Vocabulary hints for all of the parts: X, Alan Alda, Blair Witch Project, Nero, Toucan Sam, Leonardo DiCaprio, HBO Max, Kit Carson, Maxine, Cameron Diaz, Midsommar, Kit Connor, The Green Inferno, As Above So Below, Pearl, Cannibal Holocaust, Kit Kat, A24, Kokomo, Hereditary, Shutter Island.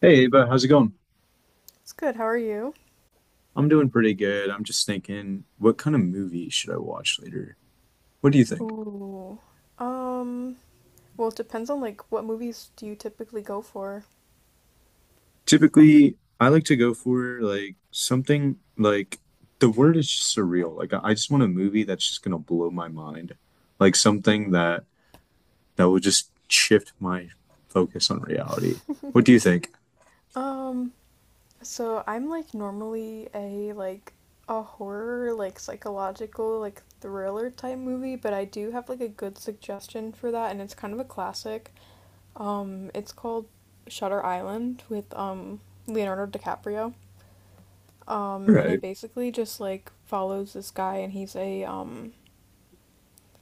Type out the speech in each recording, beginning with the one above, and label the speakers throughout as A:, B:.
A: Hey, Ava, how's it going?
B: It's good. How are you?
A: I'm doing pretty good. I'm just thinking, what kind of movie should I watch later? What do you think?
B: Ooh. Um, well, it depends on what movies do you typically go for?
A: Typically, I like to go for like something like the word is surreal. Like I just want a movie that's just gonna blow my mind. Like something
B: Hmm.
A: that will just shift my focus on reality. What do you think?
B: Um, so I'm normally a horror, like psychological, like thriller type movie, but I do have like a good suggestion for that, and it's kind of a classic. It's called Shutter Island with Leonardo DiCaprio.
A: All
B: And
A: right.
B: it basically just like follows this guy, and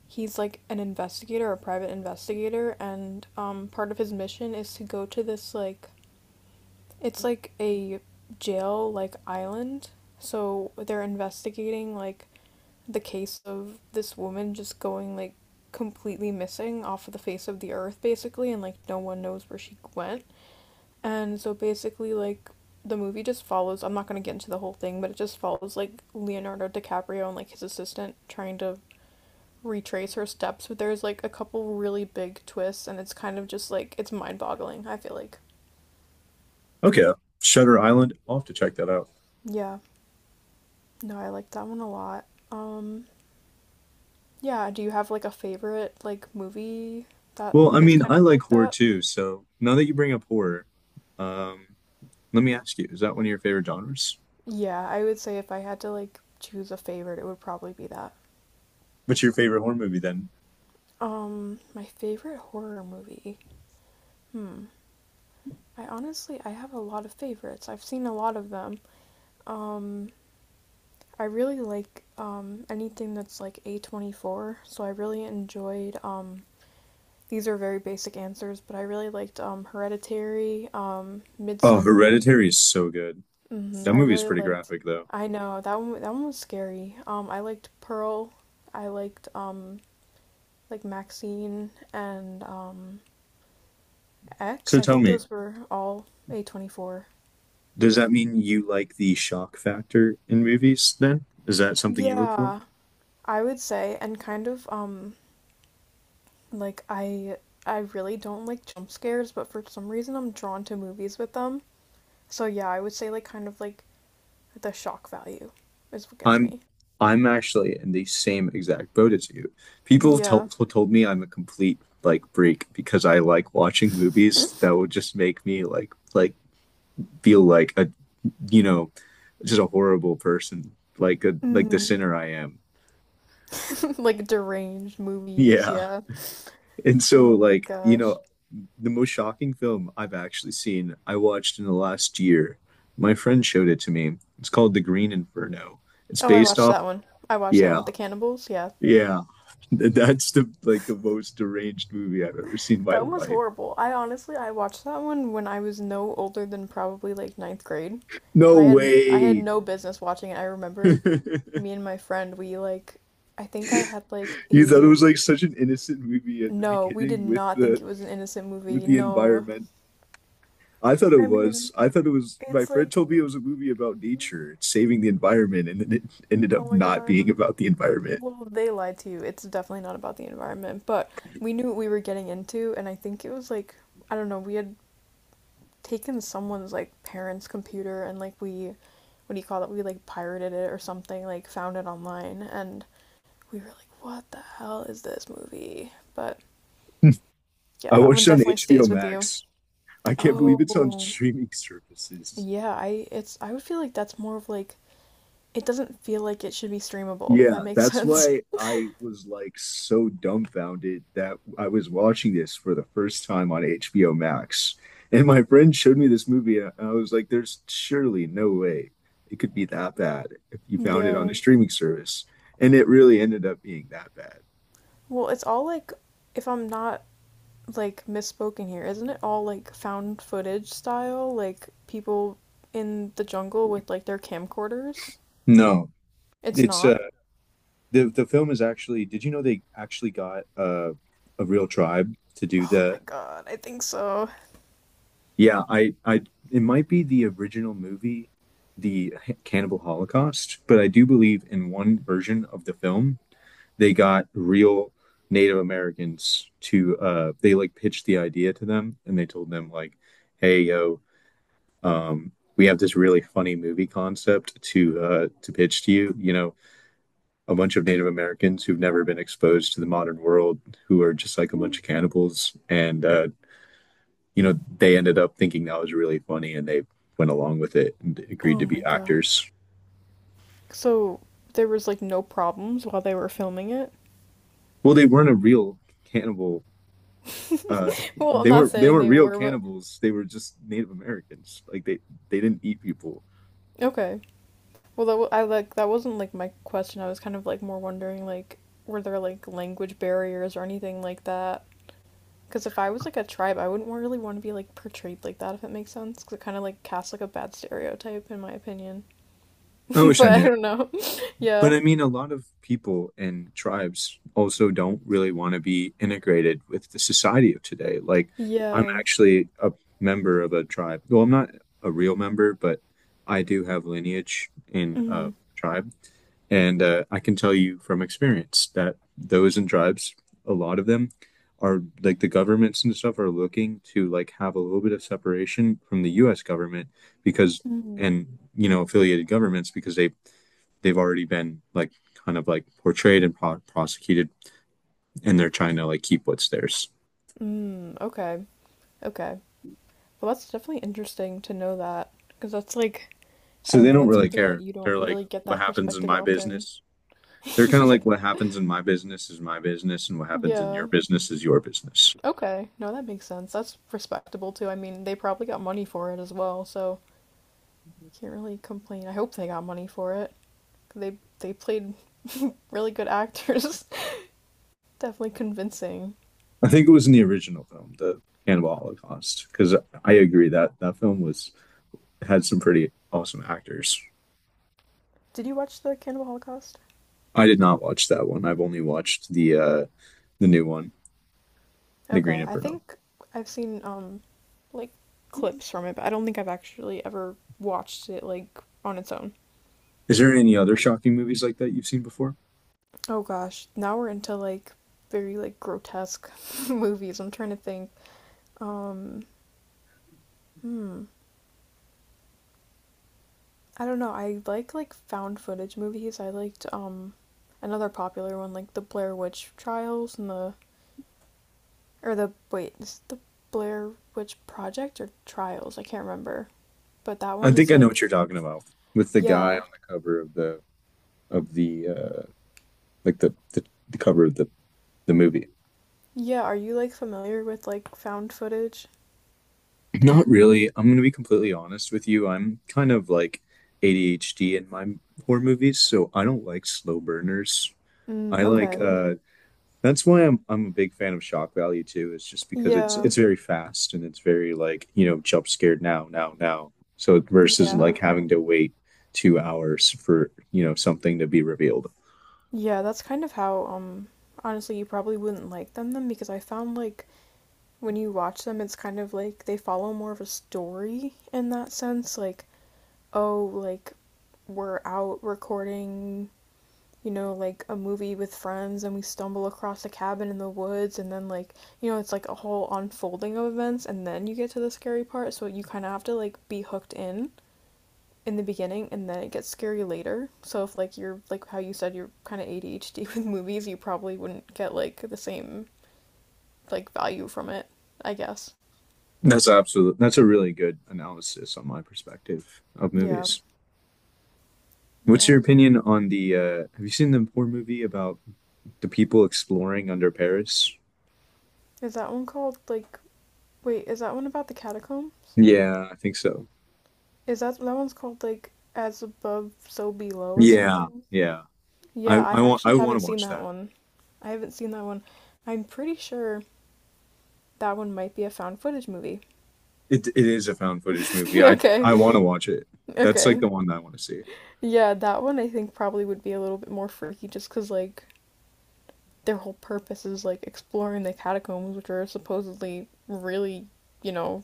B: he's like an investigator, a private investigator, and part of his mission is to go to this like it's like a jail like island. So they're investigating like the case of this woman just going like completely missing off of the face of the earth basically, and like no one knows where she went. And so basically like the movie just follows, I'm not going to get into the whole thing, but it just follows like Leonardo DiCaprio and like his assistant trying to retrace her steps, but there's like a couple really big twists, and it's kind of just like it's mind boggling, I feel like.
A: Okay. Shutter Island. I'll have to check that out.
B: Yeah, no, I like that one a lot. Um, yeah, do you have like a favorite like movie that
A: Well, I
B: is
A: mean,
B: kind
A: I
B: of
A: like
B: like
A: horror
B: that?
A: too, so now that you bring up horror, um, let me ask you, is that one of your favorite genres?
B: Yeah, I would say if I had to like choose a favorite, it would probably be that.
A: What's your favorite horror movie then?
B: My favorite horror movie. I honestly, I have a lot of favorites. I've seen a lot of them. Um, I really like anything that's like A24, so I really enjoyed these are very basic answers, but I really liked Hereditary,
A: Oh,
B: Midsummer.
A: Hereditary is so good.
B: Hmm,
A: That
B: I
A: movie is
B: really
A: pretty
B: liked.
A: graphic though.
B: I know that one. That one was scary. I liked Pearl. I liked like Maxine, and
A: So
B: X. I
A: tell
B: think
A: me,
B: those were all A24.
A: does that mean you like the shock factor in movies then? Is that something you look for?
B: Yeah, I would say, and like I I really don't like jump scares, but for some reason I'm drawn to movies with them. So yeah, I would say like kind of like the shock value is what gets
A: I'm
B: me.
A: I'm actually in the same exact boat as you. People have
B: Yeah.
A: told me I'm a complete like freak because I like watching movies that will just make me like feel like a, you know, just a horrible person like a like the
B: Mm.
A: sinner I am.
B: Like deranged movies,
A: Yeah.
B: yeah.
A: And so,
B: Oh my
A: like, you know,
B: gosh.
A: the most shocking film I've actually seen, I watched in the last year. My friend showed it to me. It's called The Green Inferno. It's
B: Oh, I
A: based
B: watched
A: off,
B: that one. I watched that one
A: yeah,
B: with the cannibals, yeah.
A: yeah. That's the like the most deranged movie I've ever seen in my
B: That one was
A: life.
B: horrible. I honestly, I watched that one when I was no older than probably like ninth grade, and
A: No
B: I had
A: way.
B: no business watching it. I remember me and my friend, we like, I think I had like
A: You thought it
B: a,
A: was like such an innocent movie at the
B: no, we did
A: beginning
B: not think it was an innocent
A: with
B: movie.
A: the
B: No.
A: environment. I thought it
B: I
A: was.
B: mean,
A: I thought it was. My
B: it's
A: friend
B: like,
A: told me it was a movie about nature, saving the environment, and then it ended
B: oh
A: up
B: my
A: not
B: God.
A: being about the environment.
B: Well, they lied to you. It's definitely not about the environment, but we knew what we were getting into, and I think it was like, I don't know, we had taken someone's like parents' computer, and like we, what do you call it? We like pirated it or something, like found it online, and we were like, what the hell is this movie? But yeah,
A: I
B: that one
A: watched it on
B: definitely
A: HBO
B: stays with you.
A: Max. I can't believe it's on
B: Oh,
A: streaming services.
B: yeah, I would feel like that's more of like it doesn't feel like it should be streamable. If
A: Yeah,
B: that makes
A: that's
B: sense.
A: why I was like so dumbfounded that I was watching this for the first time on HBO Max. And my friend showed me this movie, and I was like, there's surely no way it could be that bad if you found it on a
B: Yeah.
A: streaming service. And it really ended up being that bad.
B: Well, it's all like if I'm not like misspoken here. Isn't it all like found footage style? Like people in the jungle with like their camcorders?
A: No,
B: It's
A: it's
B: not.
A: the film is actually. Did you know they actually got a real tribe to do
B: Oh my
A: the
B: god, I think so.
A: yeah, I it might be the original movie, the Cannibal Holocaust, but I do believe in one version of the film, they got real Native Americans to, they like pitched the idea to them and they told them, like, hey, yo, we have this really funny movie concept to pitch to you. You know, a bunch of Native Americans who've never been exposed to the modern world, who are just like a bunch
B: Oh
A: of cannibals. And, you know, they ended up thinking that was really funny and they went along with it and agreed to
B: my
A: be
B: gosh.
A: actors.
B: So there was like no problems while they were filming it.
A: Well, they weren't a real cannibal. Uh,
B: Well, I'm not
A: they
B: saying
A: weren't
B: they
A: real
B: were, but
A: cannibals. They were just Native Americans. Like they didn't eat people.
B: okay. Well, I like that wasn't like my question. I was kind of like more wondering like were there like language barriers or anything like that. Because if I was like a tribe, I wouldn't really want to be like portrayed like that, if it makes sense. Because it kind of like casts like a bad stereotype, in my opinion.
A: I wish
B: But
A: I
B: I
A: knew.
B: don't know.
A: But
B: Yeah.
A: I mean, a lot of people and tribes also don't really want to be integrated with the society of today. Like, I'm
B: Yeah.
A: actually a member of a tribe. Well, I'm not a real member, but I do have lineage in a
B: Mm-hmm.
A: tribe. And I can tell you from experience that those in tribes, a lot of them are like the governments and stuff are looking to like have a little bit of separation from the US government because
B: Mm-hmm.
A: and you know affiliated governments because they they've already been like kind of like portrayed and prosecuted and they're trying to like keep what's theirs.
B: Mm. Okay. Okay. Well, that's definitely interesting to know that. Because that's like, I
A: So
B: don't
A: they
B: know,
A: don't
B: that's
A: really
B: something that
A: care.
B: you don't
A: They're like
B: really get
A: what
B: that
A: happens in
B: perspective
A: my
B: often.
A: business. They're kind of
B: Yeah.
A: like what happens in my business is my business and what happens in your
B: Yeah.
A: business is your business.
B: Okay. No, that makes sense. That's respectable too. I mean, they probably got money for it as well, so can't really complain. I hope they got money for it. They they played really good actors. Definitely convincing.
A: I think it was in the original film, the Cannibal Holocaust, because I agree that that film was had some pretty awesome actors.
B: Did you watch the Cannibal Holocaust?
A: I did not watch that one. I've only watched the new one, The Green
B: Okay, I
A: Inferno.
B: think I've seen like clips from it, but I don't think I've actually ever watched it like on its own.
A: Is there any other shocking movies like that you've seen before?
B: Oh gosh, now we're into like very like grotesque movies. I'm trying to think. Um hmm. I don't know. I like found footage movies. I liked another popular one like the Blair Witch Trials, and the or the wait, is it the Blair Witch Project or Trials? I can't remember. But that
A: I
B: one
A: think
B: is
A: I know
B: like,
A: what you're talking about with the guy
B: yeah.
A: on the cover of the like the cover of the movie.
B: Yeah, are you like familiar with like found footage type?
A: Not really. I'm gonna be completely honest with you. I'm kind of like ADHD in my horror movies, so I don't like slow burners.
B: Mm,
A: I like
B: okay.
A: that's why I'm a big fan of shock value too. It's just because it's
B: Yeah.
A: it's very fast and it's very like, you know, jump scared now, now, now. So versus
B: Yeah.
A: like having to wait 2 hours for, you know, something to be revealed.
B: Yeah, that's kind of how honestly you probably wouldn't like them then, because I found like when you watch them it's kind of like they follow more of a story in that sense, like oh like we're out recording, you know, like a movie with friends and we stumble across a cabin in the woods, and then like, you know, it's like a whole unfolding of events, and then you get to the scary part, so you kind of have to like be hooked in the beginning and then it gets scary later. So if like you're like how you said you're kind of ADHD with movies, you probably wouldn't get like the same like value from it, I guess.
A: That's absolute. That's a really good analysis on my perspective of
B: Yeah.
A: movies. What's your
B: Yeah.
A: opinion on the? Have you seen the horror movie about the people exploring under Paris?
B: Is that one called like wait, is that one about the catacombs?
A: Yeah, I think so.
B: Is that that one's called like as above so below or
A: Yeah,
B: something?
A: yeah.
B: Yeah, I actually
A: I want
B: haven't
A: to
B: seen
A: watch
B: that
A: that.
B: one. I haven't seen that one. I'm pretty sure that one might be a found footage movie.
A: It is a found footage movie. I
B: Okay.
A: I want to watch it. That's like
B: Okay.
A: the one that I want to see
B: Yeah, that one I think probably would be a little bit more freaky just cause like their whole purpose is like exploring the catacombs, which are supposedly really, you know,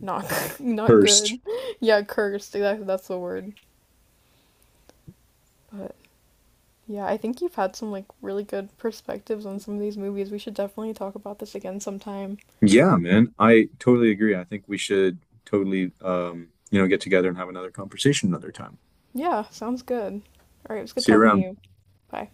B: not not
A: first.
B: good. Yeah, cursed. Exactly, that's the word. But yeah, I think you've had some like really good perspectives on some of these movies. We should definitely talk about this again sometime.
A: Yeah, man. I totally agree. I think we should totally you know get together and have another conversation another time.
B: Yeah, sounds good. All right, it was good
A: See you
B: talking to
A: around.
B: you. Bye.